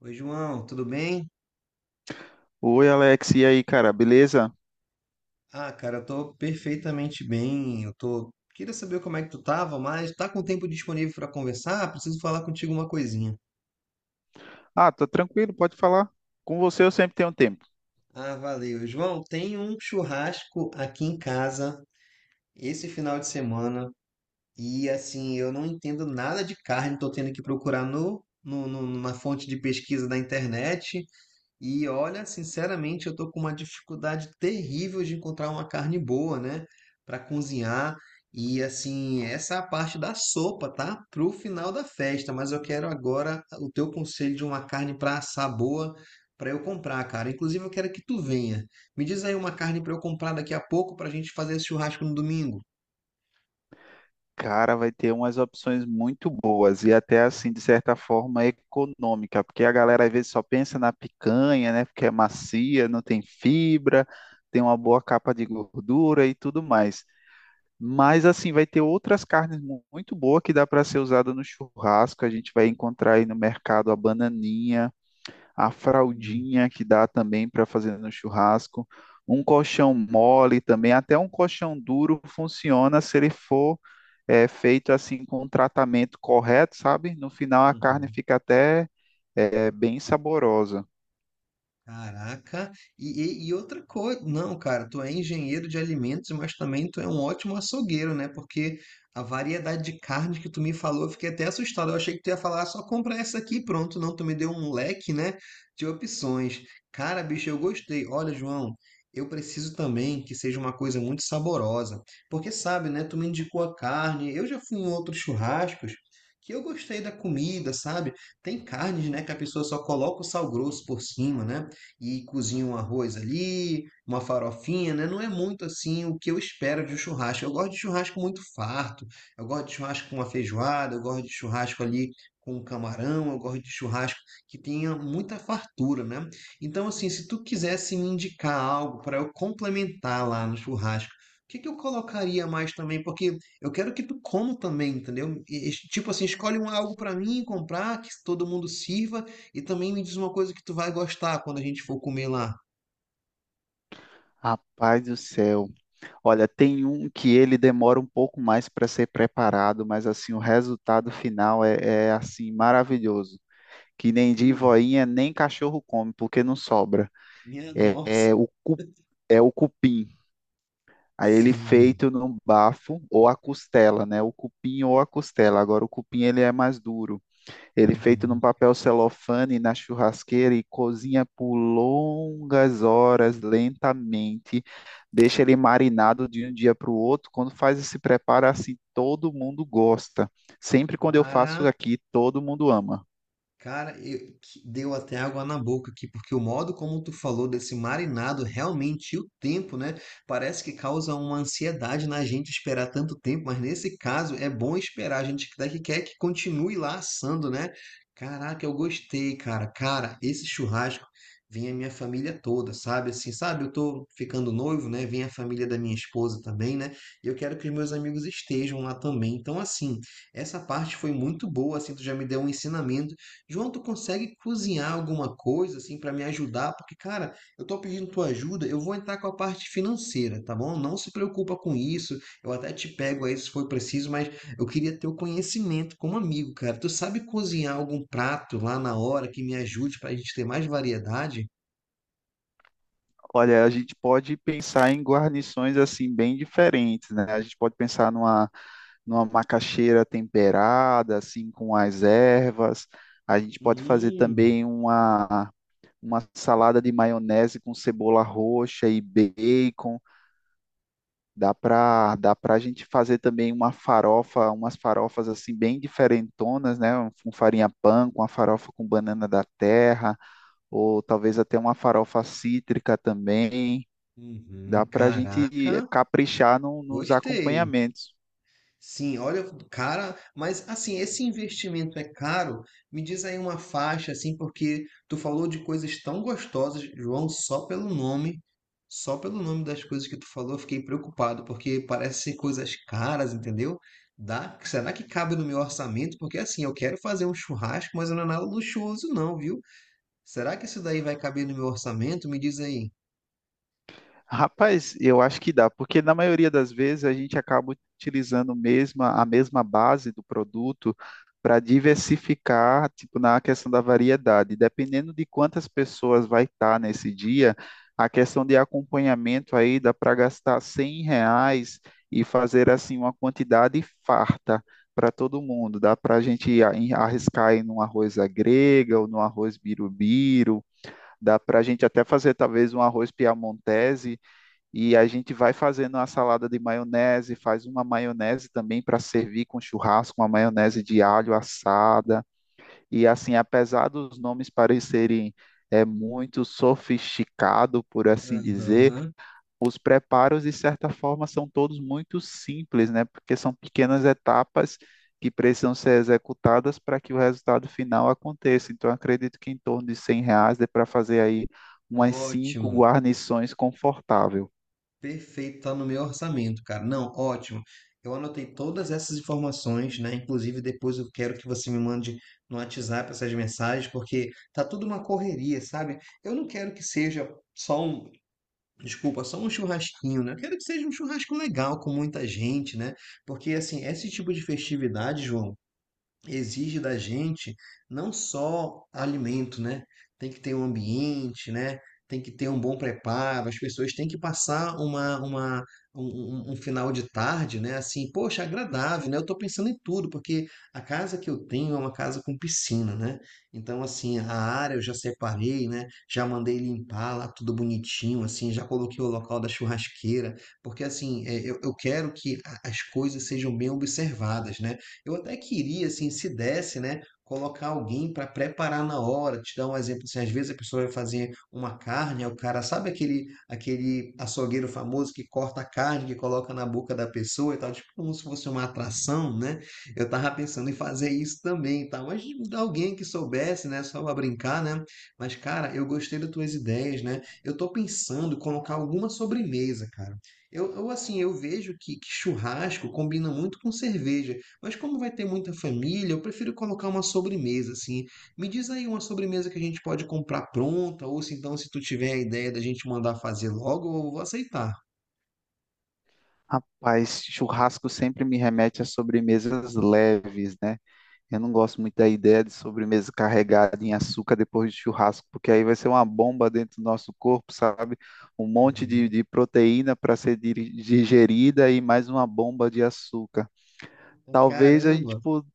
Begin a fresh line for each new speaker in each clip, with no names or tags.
Oi, João, tudo bem?
Oi, Alex, e aí, cara, beleza?
Ah, cara, eu tô perfeitamente bem. Eu tô. Queria saber como é que tu tava, mas tá com tempo disponível para conversar? Preciso falar contigo uma coisinha.
Ah, tô tranquilo, pode falar. Com você eu sempre tenho tempo.
Ah, valeu. João, tem um churrasco aqui em casa esse final de semana e assim, eu não entendo nada de carne, tô tendo que procurar na fonte de pesquisa da internet. E olha, sinceramente, eu tô com uma dificuldade terrível de encontrar uma carne boa, né, para cozinhar. E assim, essa é a parte da sopa, tá? Pro final da festa, mas eu quero agora o teu conselho de uma carne para assar boa para eu comprar, cara. Inclusive, eu quero que tu venha. Me diz aí uma carne para eu comprar daqui a pouco para a gente fazer esse churrasco no domingo.
Cara, vai ter umas opções muito boas e até assim, de certa forma, econômica, porque a galera às vezes só pensa na picanha, né? Porque é macia, não tem fibra, tem uma boa capa de gordura e tudo mais. Mas assim, vai ter outras carnes muito boas que dá para ser usada no churrasco. A gente vai encontrar aí no mercado a bananinha, a
Hum.
fraldinha que dá também para fazer no churrasco, um colchão mole também, até um colchão duro funciona se ele for feito assim com um tratamento correto, sabe? No final a carne
Uhum.
fica até bem saborosa.
Caraca, e outra coisa, não, cara, tu é engenheiro de alimentos, mas também tu é um ótimo açougueiro, né? Porque a variedade de carne que tu me falou, eu fiquei até assustado. Eu achei que tu ia falar, "Ah, só compra essa aqui, e pronto." Não, tu me deu um leque, né, de opções. Cara, bicho, eu gostei. Olha, João, eu preciso também que seja uma coisa muito saborosa, porque sabe, né? Tu me indicou a carne, eu já fui em outros churrascos. Que eu gostei da comida, sabe? Tem carnes, né, que a pessoa só coloca o sal grosso por cima, né? E cozinha um arroz ali, uma farofinha, né? Não é muito assim o que eu espero de um churrasco. Eu gosto de churrasco muito farto, eu gosto de churrasco com uma feijoada, eu gosto de churrasco ali com um camarão, eu gosto de churrasco que tenha muita fartura, né? Então, assim, se tu quisesse me indicar algo para eu complementar lá no churrasco, o que que eu colocaria mais também? Porque eu quero que tu coma também, entendeu? Tipo assim, escolhe um algo para mim comprar, que todo mundo sirva, e também me diz uma coisa que tu vai gostar quando a gente for comer lá.
Rapaz do céu. Olha, tem um que ele demora um pouco mais para ser preparado, mas assim o resultado final é assim maravilhoso. Que nem de
Hum,
voinha, nem cachorro come, porque não sobra.
minha
É,
nossa.
é o, é o cupim. Aí ele
Sim.
feito no bafo ou a costela, né? O cupim ou a costela. Agora o cupim ele é mais duro. Ele feito num
Uhum.
papel celofane na churrasqueira e cozinha por longas horas, lentamente. Deixa ele marinado de um dia para o outro. Quando faz esse preparo assim, todo mundo gosta. Sempre quando eu faço
Cara,
aqui, todo mundo ama.
cara, eu, que- deu até água na boca aqui, porque o modo como tu falou desse marinado, realmente e o tempo, né? Parece que causa uma ansiedade na gente esperar tanto tempo, mas nesse caso é bom esperar, a gente quer que continue lá assando, né? Caraca, eu gostei, cara. Cara, esse churrasco vem a minha família toda, sabe? Assim, sabe? Eu tô ficando noivo, né? Vem a família da minha esposa também, né? E eu quero que os meus amigos estejam lá também. Então, assim, essa parte foi muito boa, assim, tu já me deu um ensinamento. João, tu consegue cozinhar alguma coisa assim para me ajudar? Porque, cara, eu tô pedindo tua ajuda, eu vou entrar com a parte financeira, tá bom? Não se preocupa com isso. Eu até te pego aí se for preciso, mas eu queria ter o conhecimento como amigo, cara. Tu sabe cozinhar algum prato lá na hora que me ajude pra gente ter mais variedade?
Olha, a gente pode pensar em guarnições assim bem diferentes, né? A gente pode pensar numa macaxeira temperada, assim, com as ervas. A gente pode fazer
Hum,
também uma salada de maionese com cebola roxa e bacon. Dá para a gente fazer também uma farofa, umas farofas assim bem diferentonas, né? Com farinha pan, com a farofa com banana da terra, ou talvez até uma farofa cítrica também. Dá
uhum,
para a gente
caraca,
caprichar nos
gostei.
acompanhamentos.
Sim, olha, cara, mas assim, esse investimento é caro? Me diz aí uma faixa, assim, porque tu falou de coisas tão gostosas, João, só pelo nome das coisas que tu falou, eu fiquei preocupado, porque parece ser coisas caras, entendeu? Dá, será que cabe no meu orçamento? Porque assim, eu quero fazer um churrasco, mas não é nada luxuoso, não, viu? Será que isso daí vai caber no meu orçamento? Me diz aí.
Rapaz, eu acho que dá, porque na maioria das vezes a gente acaba a mesma base do produto para diversificar, tipo, na questão da variedade. Dependendo de quantas pessoas vai estar nesse dia, a questão de acompanhamento aí dá para gastar R$ 100 e fazer, assim, uma quantidade farta para todo mundo. Dá para a gente arriscar em um arroz à grega ou no arroz birubiru. Dá para a gente até fazer talvez um arroz piamontese e a gente vai fazendo uma salada de maionese, faz uma maionese também para servir com churrasco, uma maionese de alho assada. E assim, apesar dos nomes parecerem é muito sofisticado, por assim dizer,
Aham.
os preparos de certa forma são todos muito simples, né? Porque são pequenas etapas que precisam ser executadas para que o resultado final aconteça. Então, eu acredito que em torno de R$ 100 dê para fazer aí umas 5
Ótimo,
guarnições confortável.
perfeito, tá no meu orçamento, cara. Não, ótimo. Eu anotei todas essas informações, né? Inclusive, depois eu quero que você me mande no WhatsApp essas mensagens, porque tá tudo uma correria, sabe? Eu não quero que seja só um, desculpa, só um churrasquinho, né? Eu quero que seja um churrasco legal com muita gente, né? Porque, assim, esse tipo de festividade, João, exige da gente não só alimento, né? Tem que ter um ambiente, né? Tem que ter um bom preparo, as pessoas têm que passar um final de tarde, né? Assim, poxa, agradável, né? Eu estou pensando em tudo, porque a casa que eu tenho é uma casa com piscina, né? Então, assim, a área eu já separei, né? Já mandei limpar lá tudo bonitinho, assim, já coloquei o local da churrasqueira, porque assim, é, eu quero que a- as coisas sejam bem observadas, né? Eu até queria, assim, se desse, né, colocar alguém para preparar na hora. Te dar um exemplo, assim, às vezes a pessoa vai fazer uma carne, aí o cara sabe, aquele açougueiro famoso que corta a carne, que coloca na boca da pessoa e tal, tipo como se fosse uma atração, né? Eu tava pensando em fazer isso também, e tal, mas de alguém que soubesse, né, só para brincar, né? Mas cara, eu gostei das tuas ideias, né? Eu tô pensando em colocar alguma sobremesa, cara. Assim, eu vejo que, churrasco combina muito com cerveja. Mas como vai ter muita família, eu prefiro colocar uma sobremesa, assim. Me diz aí uma sobremesa que a gente pode comprar pronta, ou se então, se tu tiver a ideia da gente mandar fazer logo, eu vou aceitar.
Rapaz, churrasco sempre me remete a sobremesas leves, né? Eu não gosto muito da ideia de sobremesa carregada em açúcar depois de churrasco, porque aí vai ser uma bomba dentro do nosso corpo, sabe? Um monte
Uhum.
de proteína para ser digerida e mais uma bomba de açúcar. Talvez a gente
Caramba!
po-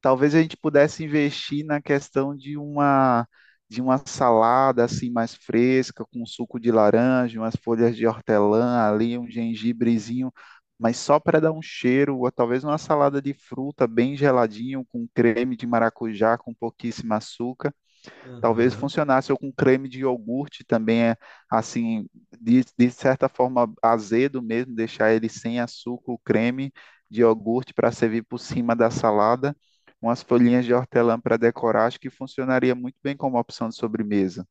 Talvez a gente pudesse investir na questão de uma salada assim mais fresca, com suco de laranja, umas folhas de hortelã ali, um gengibrezinho, mas só para dar um cheiro, ou talvez uma salada de fruta bem geladinho, com creme de maracujá, com pouquíssimo açúcar. Talvez
Aham.
funcionasse ou com creme de iogurte também, é, assim, de certa forma azedo mesmo, deixar ele sem açúcar, o creme de iogurte para servir por cima da salada, umas folhinhas de hortelã para decorar, acho que funcionaria muito bem como opção de sobremesa.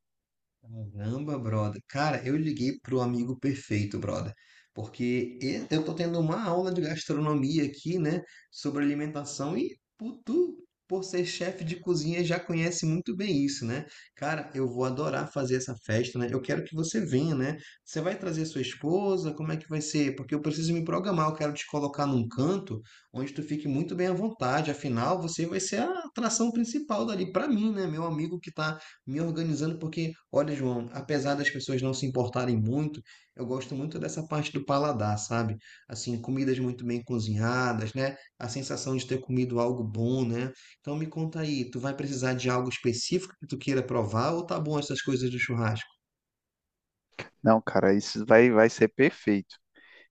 Caramba, brother. Cara, eu liguei pro amigo perfeito, brother. Porque e- eu tô tendo uma aula de gastronomia aqui, né? Sobre alimentação. E pu- tu, por ser chefe de cozinha, já conhece muito bem isso, né? Cara, eu vou adorar fazer essa festa, né? Eu quero que você venha, né? Você vai trazer sua esposa? Como é que vai ser? Porque eu preciso me programar. Eu quero te colocar num canto onde tu fique muito bem à vontade. Afinal, você vai ser a atração principal dali pra mim, né? Meu amigo que tá me organizando, porque, olha, João, apesar das pessoas não se importarem muito, eu gosto muito dessa parte do paladar, sabe? Assim, comidas muito bem cozinhadas, né? A sensação de ter comido algo bom, né? Então me conta aí, tu vai precisar de algo específico que tu queira provar ou tá bom essas coisas do churrasco?
Não, cara, vai ser perfeito.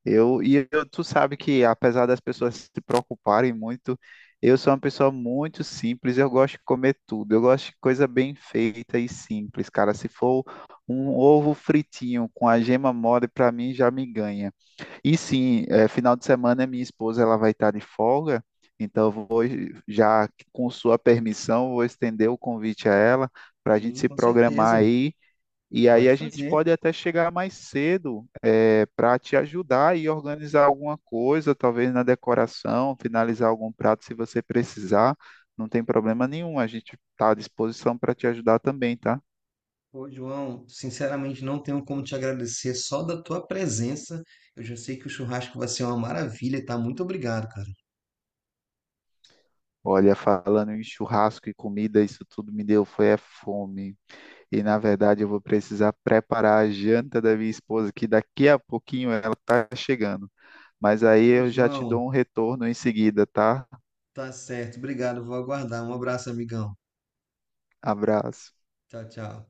E eu, tu sabe que, apesar das pessoas se preocuparem muito, eu sou uma pessoa muito simples, eu gosto de comer tudo, eu gosto de coisa bem feita e simples, cara. Se for um ovo fritinho com a gema mole, para mim já me ganha. E sim, final de semana minha esposa ela vai estar de folga, então já com sua permissão, vou estender o convite a ela para a gente
Sim,
se
com
programar
certeza.
aí e aí
Pode
a gente
fazer.
pode até chegar mais cedo, para te ajudar e organizar alguma coisa, talvez na decoração, finalizar algum prato se você precisar. Não tem problema nenhum, a gente está à disposição para te ajudar também, tá?
Pô, João, sinceramente não tenho como te agradecer só da tua presença. Eu já sei que o churrasco vai ser uma maravilha, tá? Muito obrigado, cara.
Olha, falando em churrasco e comida, isso tudo me deu foi é fome. E na verdade eu vou precisar preparar a janta da minha esposa, que daqui a pouquinho ela está chegando. Mas aí
Ô,
eu já te
João,
dou um retorno em seguida, tá?
tá certo, obrigado, vou aguardar. Um abraço, amigão.
Abraço.
Tchau, tchau.